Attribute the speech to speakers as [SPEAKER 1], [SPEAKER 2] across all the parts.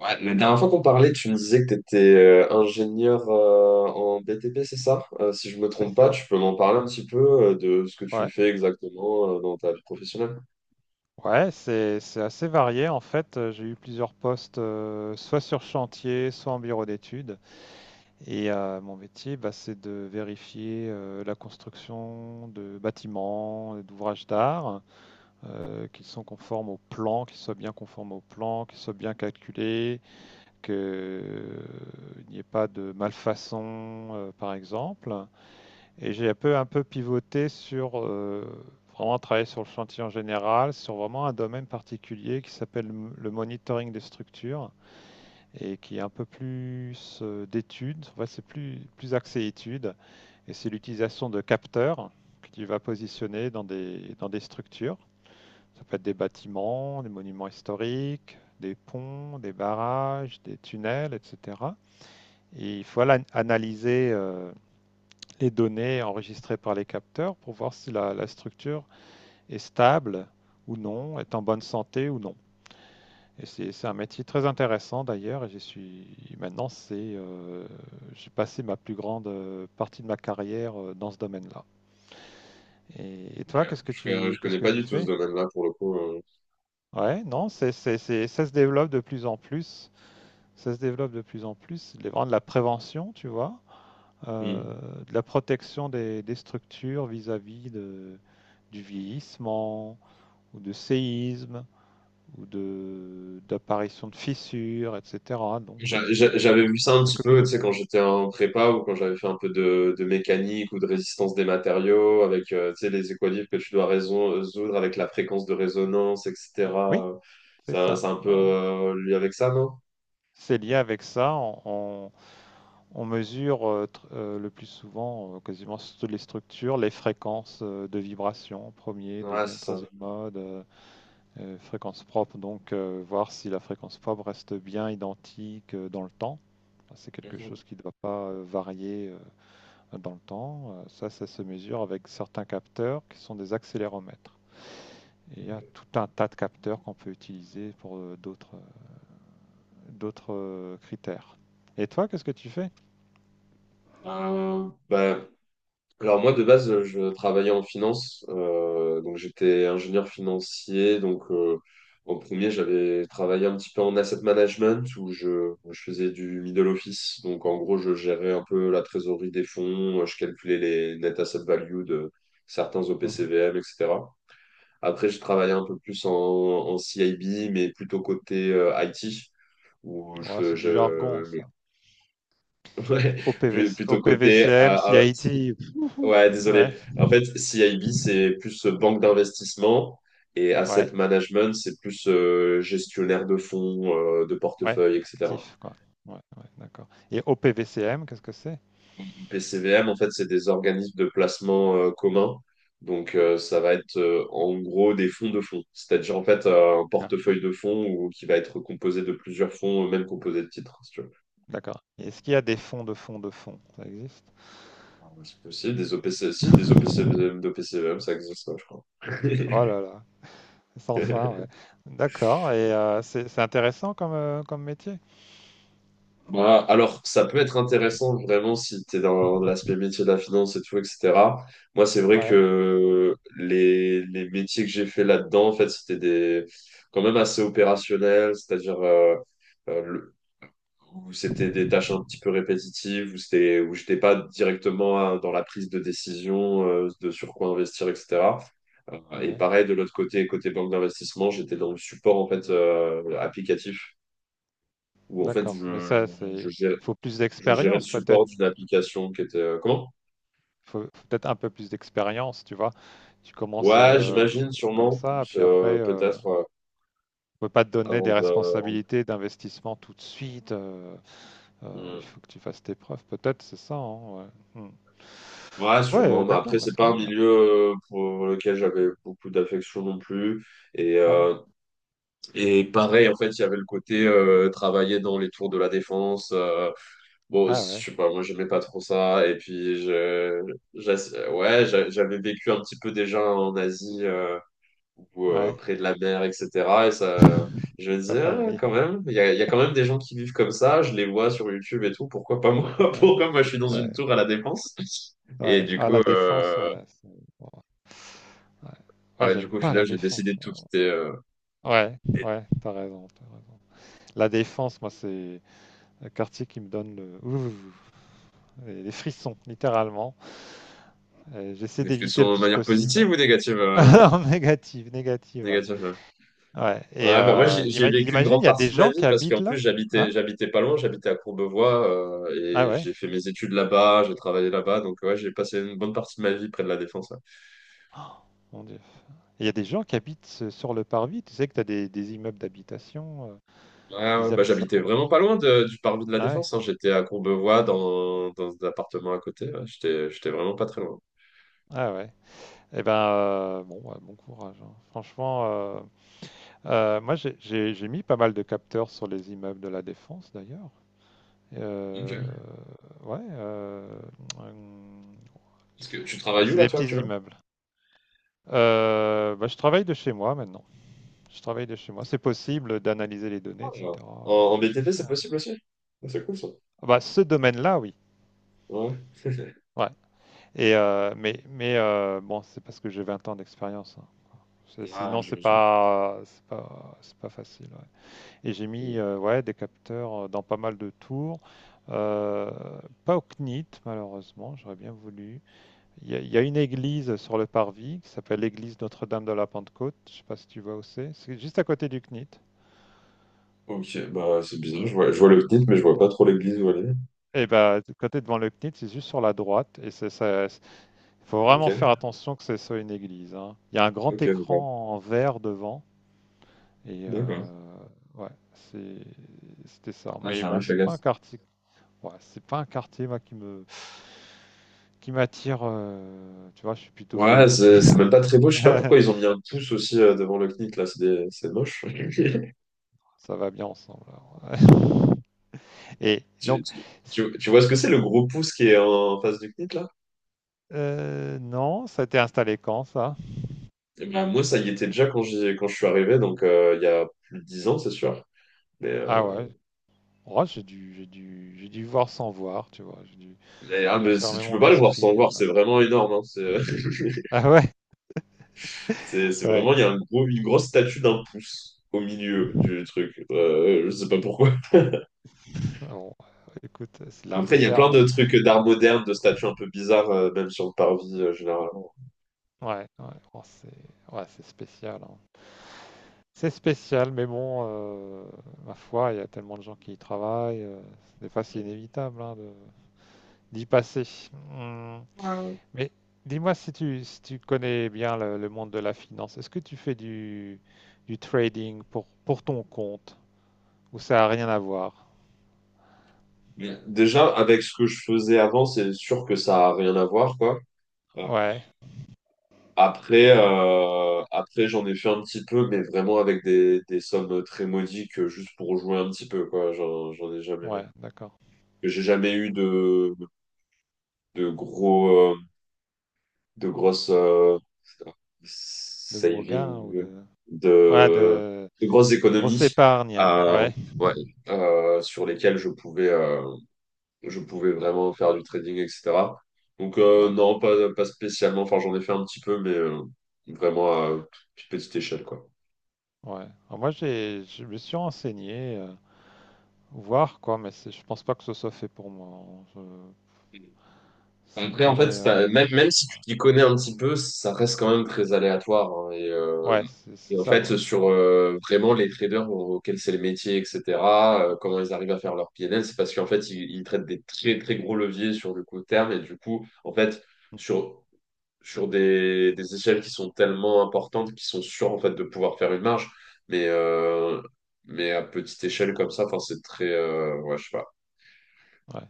[SPEAKER 1] Ouais, la dernière fois qu'on parlait, tu me disais que tu étais ingénieur en BTP, c'est ça? Si je me
[SPEAKER 2] C'est
[SPEAKER 1] trompe pas,
[SPEAKER 2] ça.
[SPEAKER 1] tu peux m'en parler un petit peu de ce que tu
[SPEAKER 2] Ouais,
[SPEAKER 1] fais exactement dans ta vie professionnelle?
[SPEAKER 2] ouais, c'est assez varié en fait. J'ai eu plusieurs postes, soit sur chantier, soit en bureau d'études. Et mon métier, bah, c'est de vérifier la construction de bâtiments, d'ouvrages d'art, qu'ils sont conformes au plan, qu'ils soient bien conformes au plan, qu'ils soient bien calculés, qu'il n'y ait pas de malfaçon, par exemple. Et j'ai un peu pivoté sur vraiment travailler sur le chantier en général, sur vraiment un domaine particulier qui s'appelle le monitoring des structures et qui est un peu plus d'études. En fait, c'est plus axé études et c'est l'utilisation de capteurs que tu vas positionner dans des structures. Ça peut être des bâtiments, des monuments historiques, des ponts, des barrages, des tunnels, etc. Et il faut analyser les données enregistrées par les capteurs pour voir si la structure est stable ou non, est en bonne santé ou non. Et c'est un métier très intéressant d'ailleurs. Et je suis maintenant, c'est j'ai passé ma plus grande partie de ma carrière dans ce domaine-là. Et
[SPEAKER 1] Ok.
[SPEAKER 2] toi, qu'est-ce que
[SPEAKER 1] Je ne
[SPEAKER 2] tu qu'est-ce
[SPEAKER 1] connais
[SPEAKER 2] que
[SPEAKER 1] pas
[SPEAKER 2] tu
[SPEAKER 1] du tout ce
[SPEAKER 2] fais?
[SPEAKER 1] domaine-là pour le coup.
[SPEAKER 2] Ouais, non, c'est ça se développe de plus en plus. Ça se développe de plus en plus. Les vraiment de la prévention, tu vois.
[SPEAKER 1] Hmm.
[SPEAKER 2] De la protection des structures vis-à-vis du vieillissement ou de séisme ou de d'apparition de fissures, etc. Donc, bah,
[SPEAKER 1] J'a- j'a-
[SPEAKER 2] tu,
[SPEAKER 1] J'avais vu ça un
[SPEAKER 2] tu
[SPEAKER 1] petit
[SPEAKER 2] accumules
[SPEAKER 1] peu,
[SPEAKER 2] les
[SPEAKER 1] tu sais, quand
[SPEAKER 2] données.
[SPEAKER 1] j'étais en prépa ou quand j'avais fait un peu de mécanique ou de résistance des matériaux avec, tu sais, les équilibres que tu dois résoudre avec la fréquence de résonance,
[SPEAKER 2] Oui,
[SPEAKER 1] etc.
[SPEAKER 2] c'est
[SPEAKER 1] Ça, c'est
[SPEAKER 2] ça.
[SPEAKER 1] un peu
[SPEAKER 2] Bah ouais.
[SPEAKER 1] lié avec ça, non?
[SPEAKER 2] C'est lié avec ça. On mesure le plus souvent, quasiment sur toutes les structures, les fréquences de vibration, premier,
[SPEAKER 1] Ouais, c'est
[SPEAKER 2] deuxième,
[SPEAKER 1] ça.
[SPEAKER 2] troisième mode, fréquence propre, donc voir si la fréquence propre reste bien identique dans le temps. C'est quelque
[SPEAKER 1] Mhm.
[SPEAKER 2] chose qui ne doit pas varier dans le temps. Ça se mesure avec certains capteurs qui sont des accéléromètres. Et il y a tout un tas de capteurs qu'on peut utiliser pour d'autres critères. Et toi, qu'est-ce que tu fais?
[SPEAKER 1] Bah, alors moi de base je travaillais en finance, donc j'étais ingénieur financier, donc en premier j'avais travaillé un petit peu en asset management où je faisais du middle office, donc en gros je gérais un peu la trésorerie des fonds, je calculais les net asset value de certains
[SPEAKER 2] Mhm.
[SPEAKER 1] OPCVM, etc. Après je travaillais un peu plus en CIB mais plutôt côté IT où
[SPEAKER 2] Ouais,
[SPEAKER 1] je,
[SPEAKER 2] c'est du jargon,
[SPEAKER 1] je
[SPEAKER 2] ça.
[SPEAKER 1] ouais,
[SPEAKER 2] OPVC,
[SPEAKER 1] plutôt côté
[SPEAKER 2] OPVCM, CIT.
[SPEAKER 1] ouais, désolé.
[SPEAKER 2] Ouais,
[SPEAKER 1] En fait, CIB, c'est plus banque d'investissement et asset
[SPEAKER 2] ouais,
[SPEAKER 1] management, c'est plus gestionnaire de fonds, de
[SPEAKER 2] ouais,
[SPEAKER 1] portefeuille, etc.
[SPEAKER 2] actif, quoi. Ouais, ouais, d'accord. Et OPVCM, qu'est-ce que c'est?
[SPEAKER 1] PCVM, en fait, c'est des organismes de placement communs. Donc, ça va être en gros des fonds de fonds. C'est-à-dire, en fait, un portefeuille de fonds ou, qui va être composé de plusieurs fonds, même composé de titres, si tu veux.
[SPEAKER 2] D'accord. Et est-ce qu'il y a des fonds de fonds de fonds? Ça existe?
[SPEAKER 1] Ah, c'est possible, des OPC, si, des OPC, de PCVM, ça existe, ouais, je crois.
[SPEAKER 2] Oh là là, sans fin, ouais. D'accord, et c'est intéressant comme, comme métier?
[SPEAKER 1] Bah, alors, ça peut être intéressant vraiment si tu es dans l'aspect métier de la finance et tout, etc. Moi, c'est vrai
[SPEAKER 2] Ouais,
[SPEAKER 1] que les métiers que j'ai fait là-dedans, en fait, c'était des quand même assez opérationnels, c'est-à-dire euh, le- où c'était des tâches un petit peu répétitives, où j'étais pas directement dans la prise de décision de sur quoi investir, etc. Et
[SPEAKER 2] ouais,
[SPEAKER 1] pareil, de l'autre côté, côté banque d'investissement, j'étais dans le support en fait applicatif, où en fait
[SPEAKER 2] d'accord, mais ça, c'est
[SPEAKER 1] je,
[SPEAKER 2] il faut plus
[SPEAKER 1] je gérais le
[SPEAKER 2] d'expérience peut-être?
[SPEAKER 1] support d'une application qui était. Comment?
[SPEAKER 2] Il faut peut-être un peu plus d'expérience, tu vois? Tu commences,
[SPEAKER 1] Ouais, j'imagine,
[SPEAKER 2] comme
[SPEAKER 1] sûrement.
[SPEAKER 2] ça, puis après,
[SPEAKER 1] Peut-être
[SPEAKER 2] on peut pas te donner
[SPEAKER 1] avant
[SPEAKER 2] des
[SPEAKER 1] de.
[SPEAKER 2] responsabilités d'investissement tout de suite, heu, il
[SPEAKER 1] Hmm.
[SPEAKER 2] faut que tu fasses tes preuves peut-être, c'est ça, hein? Ouais. Mmh.
[SPEAKER 1] Ouais,
[SPEAKER 2] Ouais,
[SPEAKER 1] sûrement. Mais
[SPEAKER 2] d'accord,
[SPEAKER 1] après,
[SPEAKER 2] bah,
[SPEAKER 1] c'est
[SPEAKER 2] c'est
[SPEAKER 1] pas
[SPEAKER 2] quand
[SPEAKER 1] un
[SPEAKER 2] même bien.
[SPEAKER 1] milieu pour lequel j'avais beaucoup d'affection non plus. Et,
[SPEAKER 2] Ah bon?
[SPEAKER 1] euh, et
[SPEAKER 2] Mmh.
[SPEAKER 1] pareil, en fait, il y avait le côté travailler dans les tours de la Défense. Bon, je
[SPEAKER 2] Ah ouais,
[SPEAKER 1] sais pas, moi, j'aimais pas trop ça. Et puis, ouais, j'avais vécu un petit peu déjà en Asie. Ou
[SPEAKER 2] ouais.
[SPEAKER 1] près de la mer, etc. Et ça, je me
[SPEAKER 2] C'est pas
[SPEAKER 1] disais, ah,
[SPEAKER 2] pareil.
[SPEAKER 1] quand même, il y a quand même des gens qui vivent comme ça, je les vois sur YouTube et tout, pourquoi pas moi?
[SPEAKER 2] Ouais,
[SPEAKER 1] Pourquoi moi je suis dans
[SPEAKER 2] ouais,
[SPEAKER 1] une tour à la Défense? Et
[SPEAKER 2] ouais.
[SPEAKER 1] du
[SPEAKER 2] Ah,
[SPEAKER 1] coup,
[SPEAKER 2] la Défense, ouais, bon, ouais. Ah,
[SPEAKER 1] ouais, du
[SPEAKER 2] j'aime
[SPEAKER 1] coup, au
[SPEAKER 2] pas
[SPEAKER 1] final,
[SPEAKER 2] la
[SPEAKER 1] j'ai décidé
[SPEAKER 2] Défense.
[SPEAKER 1] de tout quitter.
[SPEAKER 2] Ouais,
[SPEAKER 1] Et-
[SPEAKER 2] ouais, t'as raison, t'as raison. La Défense, moi, c'est le quartier qui me donne le... ouh, les frissons, littéralement. Et j'essaie
[SPEAKER 1] Est-ce que
[SPEAKER 2] d'éviter le
[SPEAKER 1] sur de
[SPEAKER 2] plus
[SPEAKER 1] manière positive
[SPEAKER 2] possible.
[SPEAKER 1] ou négative?
[SPEAKER 2] Non, négative, négative,
[SPEAKER 1] Négative,
[SPEAKER 2] ouais.
[SPEAKER 1] ouais.
[SPEAKER 2] Ouais, et
[SPEAKER 1] Ouais, bah moi, j'ai vécu une
[SPEAKER 2] imagine,
[SPEAKER 1] grande
[SPEAKER 2] il y a
[SPEAKER 1] partie
[SPEAKER 2] des
[SPEAKER 1] de ma
[SPEAKER 2] gens
[SPEAKER 1] vie
[SPEAKER 2] qui
[SPEAKER 1] parce
[SPEAKER 2] habitent
[SPEAKER 1] qu'en plus,
[SPEAKER 2] là, hein?
[SPEAKER 1] j'habitais pas loin, j'habitais à Courbevoie,
[SPEAKER 2] Ah
[SPEAKER 1] et
[SPEAKER 2] ouais.
[SPEAKER 1] j'ai fait mes études là-bas, j'ai travaillé là-bas, donc ouais, j'ai passé une bonne partie de ma vie près de la Défense.
[SPEAKER 2] Oh, mon Dieu. Il y a des gens qui habitent sur le parvis. Tu sais que tu as des immeubles d'habitation.
[SPEAKER 1] Ah ouais,
[SPEAKER 2] Ils
[SPEAKER 1] bah,
[SPEAKER 2] aiment ça
[SPEAKER 1] j'habitais
[SPEAKER 2] en
[SPEAKER 1] vraiment
[SPEAKER 2] plus.
[SPEAKER 1] pas loin du parvis de la
[SPEAKER 2] Ah ouais,
[SPEAKER 1] Défense, hein. J'étais à Courbevoie dans un appartement à côté. Ouais. J'étais vraiment pas très loin.
[SPEAKER 2] ah ouais. Eh ben, bon, ouais, bon courage, hein. Franchement, moi j'ai mis pas mal de capteurs sur les immeubles de la Défense d'ailleurs. Euh,
[SPEAKER 1] Ok.
[SPEAKER 2] ouais, hum,
[SPEAKER 1] Parce que tu
[SPEAKER 2] ouais,
[SPEAKER 1] travailles où
[SPEAKER 2] c'est
[SPEAKER 1] là,
[SPEAKER 2] des
[SPEAKER 1] toi,
[SPEAKER 2] petits
[SPEAKER 1] actuellement?
[SPEAKER 2] immeubles. Bah, je travaille de chez moi maintenant. Je travaille de chez moi. C'est possible d'analyser les données,
[SPEAKER 1] Ouais.
[SPEAKER 2] etc.
[SPEAKER 1] En, en
[SPEAKER 2] De chez
[SPEAKER 1] BTP,
[SPEAKER 2] soi,
[SPEAKER 1] c'est
[SPEAKER 2] hein.
[SPEAKER 1] possible aussi? Ah, c'est cool ça.
[SPEAKER 2] Ah, bah, ce domaine-là, oui.
[SPEAKER 1] Ouais.
[SPEAKER 2] Ouais. Et mais bon, c'est parce que j'ai 20 ans d'expérience, hein.
[SPEAKER 1] Ah,
[SPEAKER 2] Sinon, c'est
[SPEAKER 1] j'imagine.
[SPEAKER 2] pas, c'est pas, c'est pas facile, ouais. Et j'ai mis
[SPEAKER 1] Mm.
[SPEAKER 2] ouais, des capteurs dans pas mal de tours. Euh, pas au CNIT, malheureusement, j'aurais bien voulu. Il y a une église sur le parvis qui s'appelle l'église Notre-Dame de la Pentecôte. Je sais pas si tu vois où c'est. C'est juste à côté du CNIT.
[SPEAKER 1] Ok, bah c'est bizarre. Je vois
[SPEAKER 2] Euh,
[SPEAKER 1] le CNIT, mais je vois pas trop l'église où elle est.
[SPEAKER 2] et ben, de côté devant le CNIT, c'est juste sur la droite. Et c'est ça. Il faut
[SPEAKER 1] Ok,
[SPEAKER 2] vraiment faire attention que ce soit une église, hein. Il y a un grand
[SPEAKER 1] ok, ok.
[SPEAKER 2] écran en verre devant. Et
[SPEAKER 1] D'accord.
[SPEAKER 2] ouais, c'était ça.
[SPEAKER 1] Ah, j'ai
[SPEAKER 2] Mais
[SPEAKER 1] jamais
[SPEAKER 2] bon,
[SPEAKER 1] fait
[SPEAKER 2] c'est
[SPEAKER 1] gaffe.
[SPEAKER 2] pas un quartier, ouais, c'est pas un quartier moi, qui m'attire. Tu vois, je suis plutôt
[SPEAKER 1] Ouais,
[SPEAKER 2] vieille pied.
[SPEAKER 1] c'est même pas très beau. Je sais pas pourquoi ils ont mis un pouce aussi devant le CNIT, là. C'est moche.
[SPEAKER 2] Ça va bien ensemble alors. Ouais. Et
[SPEAKER 1] Tu,
[SPEAKER 2] donc,
[SPEAKER 1] tu,
[SPEAKER 2] c-
[SPEAKER 1] Tu vois ce que c'est le gros pouce qui est en face du CNIT là?
[SPEAKER 2] non, ça a été installé quand ça?
[SPEAKER 1] Eh ben, moi, ça y était déjà quand je suis arrivé, donc il y a plus de 10 ans, c'est sûr. Mais,
[SPEAKER 2] Ah
[SPEAKER 1] euh,
[SPEAKER 2] ouais. Oh, j'ai dû voir sans voir, tu vois. J'ai dû fermer
[SPEAKER 1] Tu peux
[SPEAKER 2] mon
[SPEAKER 1] pas le voir sans le
[SPEAKER 2] esprit.
[SPEAKER 1] voir, c'est vraiment énorme, hein. C'est
[SPEAKER 2] Ah ouais,
[SPEAKER 1] C'est
[SPEAKER 2] ouais.
[SPEAKER 1] vraiment, il y a un gros, une grosse statue d'un pouce au milieu du truc. Je sais pas pourquoi.
[SPEAKER 2] Bon, écoute, c'est l'art
[SPEAKER 1] Après, il y a
[SPEAKER 2] moderne.
[SPEAKER 1] plein de trucs d'art
[SPEAKER 2] On
[SPEAKER 1] moderne, de statues un peu bizarres, même sur le parvis, généralement.
[SPEAKER 2] Ouais, ouais, oh, c'est ouais, c'est spécial, hein. C'est spécial, mais bon, ma foi, il y a tellement de gens qui y travaillent. Des fois, c'est inévitable, hein, d'y passer. Hmm. Mais dis-moi si tu, connais bien le monde de la finance, est-ce que tu fais du trading pour ton compte ou ça n'a rien à voir?
[SPEAKER 1] Mais déjà, avec ce que je faisais avant, c'est sûr que ça a rien à voir, quoi. Euh,
[SPEAKER 2] Ouais,
[SPEAKER 1] Après j'en ai fait un petit peu, mais vraiment avec des sommes très modiques, juste pour jouer un petit peu, quoi.
[SPEAKER 2] ouais, d'accord.
[SPEAKER 1] J'ai jamais eu de gros, de grosses
[SPEAKER 2] De gros gains ou
[SPEAKER 1] saving,
[SPEAKER 2] de. Ouais,
[SPEAKER 1] de,
[SPEAKER 2] de
[SPEAKER 1] de grosses
[SPEAKER 2] grosse
[SPEAKER 1] économies,
[SPEAKER 2] épargne, hein.
[SPEAKER 1] euh,
[SPEAKER 2] Ouais,
[SPEAKER 1] ouais, sur lesquelles je pouvais vraiment faire du trading, etc. Donc
[SPEAKER 2] ouais,
[SPEAKER 1] non, pas spécialement. Enfin, j'en ai fait un petit peu, mais vraiment à toute petite échelle, quoi.
[SPEAKER 2] ouais. Alors moi, je me suis renseigné. Voir quoi, mais je pense pas que ce soit fait pour moi, hein. Ça me
[SPEAKER 1] Après, en fait,
[SPEAKER 2] paraît.
[SPEAKER 1] c'est pas- même si tu t'y connais un petit peu, ça reste quand même très aléatoire, hein. et, euh,
[SPEAKER 2] Ouais, c'est
[SPEAKER 1] et
[SPEAKER 2] c'est
[SPEAKER 1] en
[SPEAKER 2] ça.
[SPEAKER 1] fait,
[SPEAKER 2] Ouais.
[SPEAKER 1] sur vraiment les traders auxquels c'est les métiers, etc., comment ils arrivent à faire leur PNL, c'est parce qu'en fait, ils traitent des très, très gros leviers sur le court terme. Et du coup, en fait,
[SPEAKER 2] Mm.
[SPEAKER 1] sur, sur des échelles qui sont tellement importantes qu'ils sont sûrs, en fait, de pouvoir faire une marge. Mais, euh, mais à petite échelle comme ça, enfin, c'est très. Ouais, je sais pas.
[SPEAKER 2] Ouais.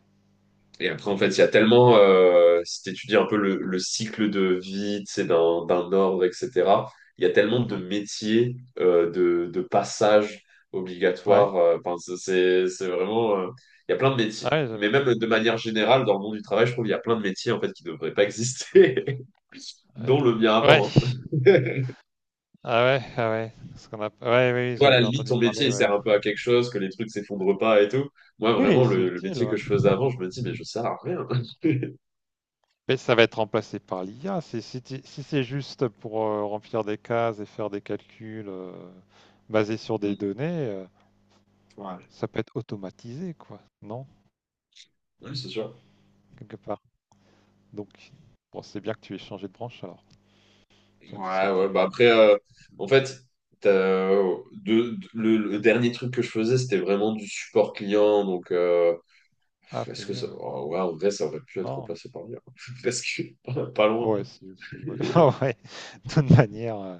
[SPEAKER 1] Et après, en
[SPEAKER 2] Non.
[SPEAKER 1] fait, il y a tellement, si tu étudies un peu le cycle de vie, tu sais, d'un ordre, etc., il y a tellement de
[SPEAKER 2] Mhm.
[SPEAKER 1] métiers, de passages
[SPEAKER 2] Ouais.
[SPEAKER 1] obligatoires. Enfin, c'est vraiment, il y a plein de métiers.
[SPEAKER 2] Ah ouais.
[SPEAKER 1] Mais même de manière générale, dans le monde du travail, je trouve qu'il y a plein de métiers, en fait, qui ne devraient pas exister,
[SPEAKER 2] Ouais.
[SPEAKER 1] dont le mien
[SPEAKER 2] Ouais.
[SPEAKER 1] avant, hein.
[SPEAKER 2] Ah ouais. Ah ouais. Ce qu'on a. Ouais, oui,
[SPEAKER 1] Toi, à
[SPEAKER 2] j'ai
[SPEAKER 1] la
[SPEAKER 2] j'ai
[SPEAKER 1] limite,
[SPEAKER 2] entendu
[SPEAKER 1] ton métier,
[SPEAKER 2] parler.
[SPEAKER 1] il
[SPEAKER 2] Ouais.
[SPEAKER 1] sert un peu à quelque chose, que les trucs s'effondrent pas et tout. Moi, vraiment,
[SPEAKER 2] Oui, c'est
[SPEAKER 1] le
[SPEAKER 2] utile,
[SPEAKER 1] métier que
[SPEAKER 2] ouais.
[SPEAKER 1] je faisais avant,
[SPEAKER 2] Mm.
[SPEAKER 1] je me dis, mais je sers à rien.
[SPEAKER 2] Mais ça va être remplacé par l'IA. Si c'est juste pour remplir des cases et faire des calculs basés sur des
[SPEAKER 1] Mm.
[SPEAKER 2] données,
[SPEAKER 1] Ouais.
[SPEAKER 2] ça peut être automatisé, quoi. Non?
[SPEAKER 1] Oui, c'est sûr.
[SPEAKER 2] Quelque part. Donc, bon, c'est bien que tu aies changé de branche alors. Ça, tu seras
[SPEAKER 1] Ouais, ouais,
[SPEAKER 2] plus.
[SPEAKER 1] bah après, en fait, t'as, de, le dernier truc que je faisais, c'était vraiment du support client. Donc,
[SPEAKER 2] Ah, c'est
[SPEAKER 1] est-ce que
[SPEAKER 2] mieux,
[SPEAKER 1] ça.
[SPEAKER 2] ouais.
[SPEAKER 1] Oh, ouais, en vrai, ça aurait pu être
[SPEAKER 2] Non.
[SPEAKER 1] remplacé par l'IA. Parce que pas loin.
[SPEAKER 2] Ouais, c'est aussi, ouais. Ah ouais, de toute manière.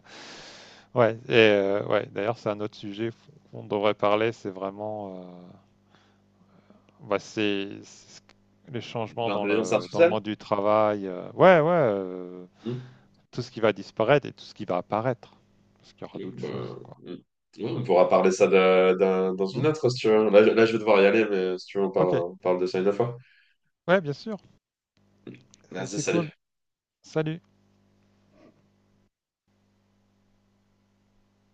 [SPEAKER 2] Ouais, et ouais, d'ailleurs, c'est un autre sujet qu'on devrait parler, c'est vraiment. Bah, c'est les changements dans
[SPEAKER 1] L'intelligence
[SPEAKER 2] le, dans le
[SPEAKER 1] artificielle?
[SPEAKER 2] monde du travail. Ouais, ouais,
[SPEAKER 1] Hmm.
[SPEAKER 2] tout ce qui va disparaître et tout ce qui va apparaître. Parce qu'il y aura
[SPEAKER 1] Et,
[SPEAKER 2] d'autres
[SPEAKER 1] bah,
[SPEAKER 2] choses, quoi.
[SPEAKER 1] hmm. Ouais, on pourra parler ça dans
[SPEAKER 2] Hmm.
[SPEAKER 1] une autre, si tu veux. Là, je vais devoir y aller, mais si tu veux,
[SPEAKER 2] Ok,
[SPEAKER 1] on parle de ça une autre fois.
[SPEAKER 2] ouais, bien sûr, c'est
[SPEAKER 1] Merci,
[SPEAKER 2] c'est cool.
[SPEAKER 1] salut.
[SPEAKER 2] Salut.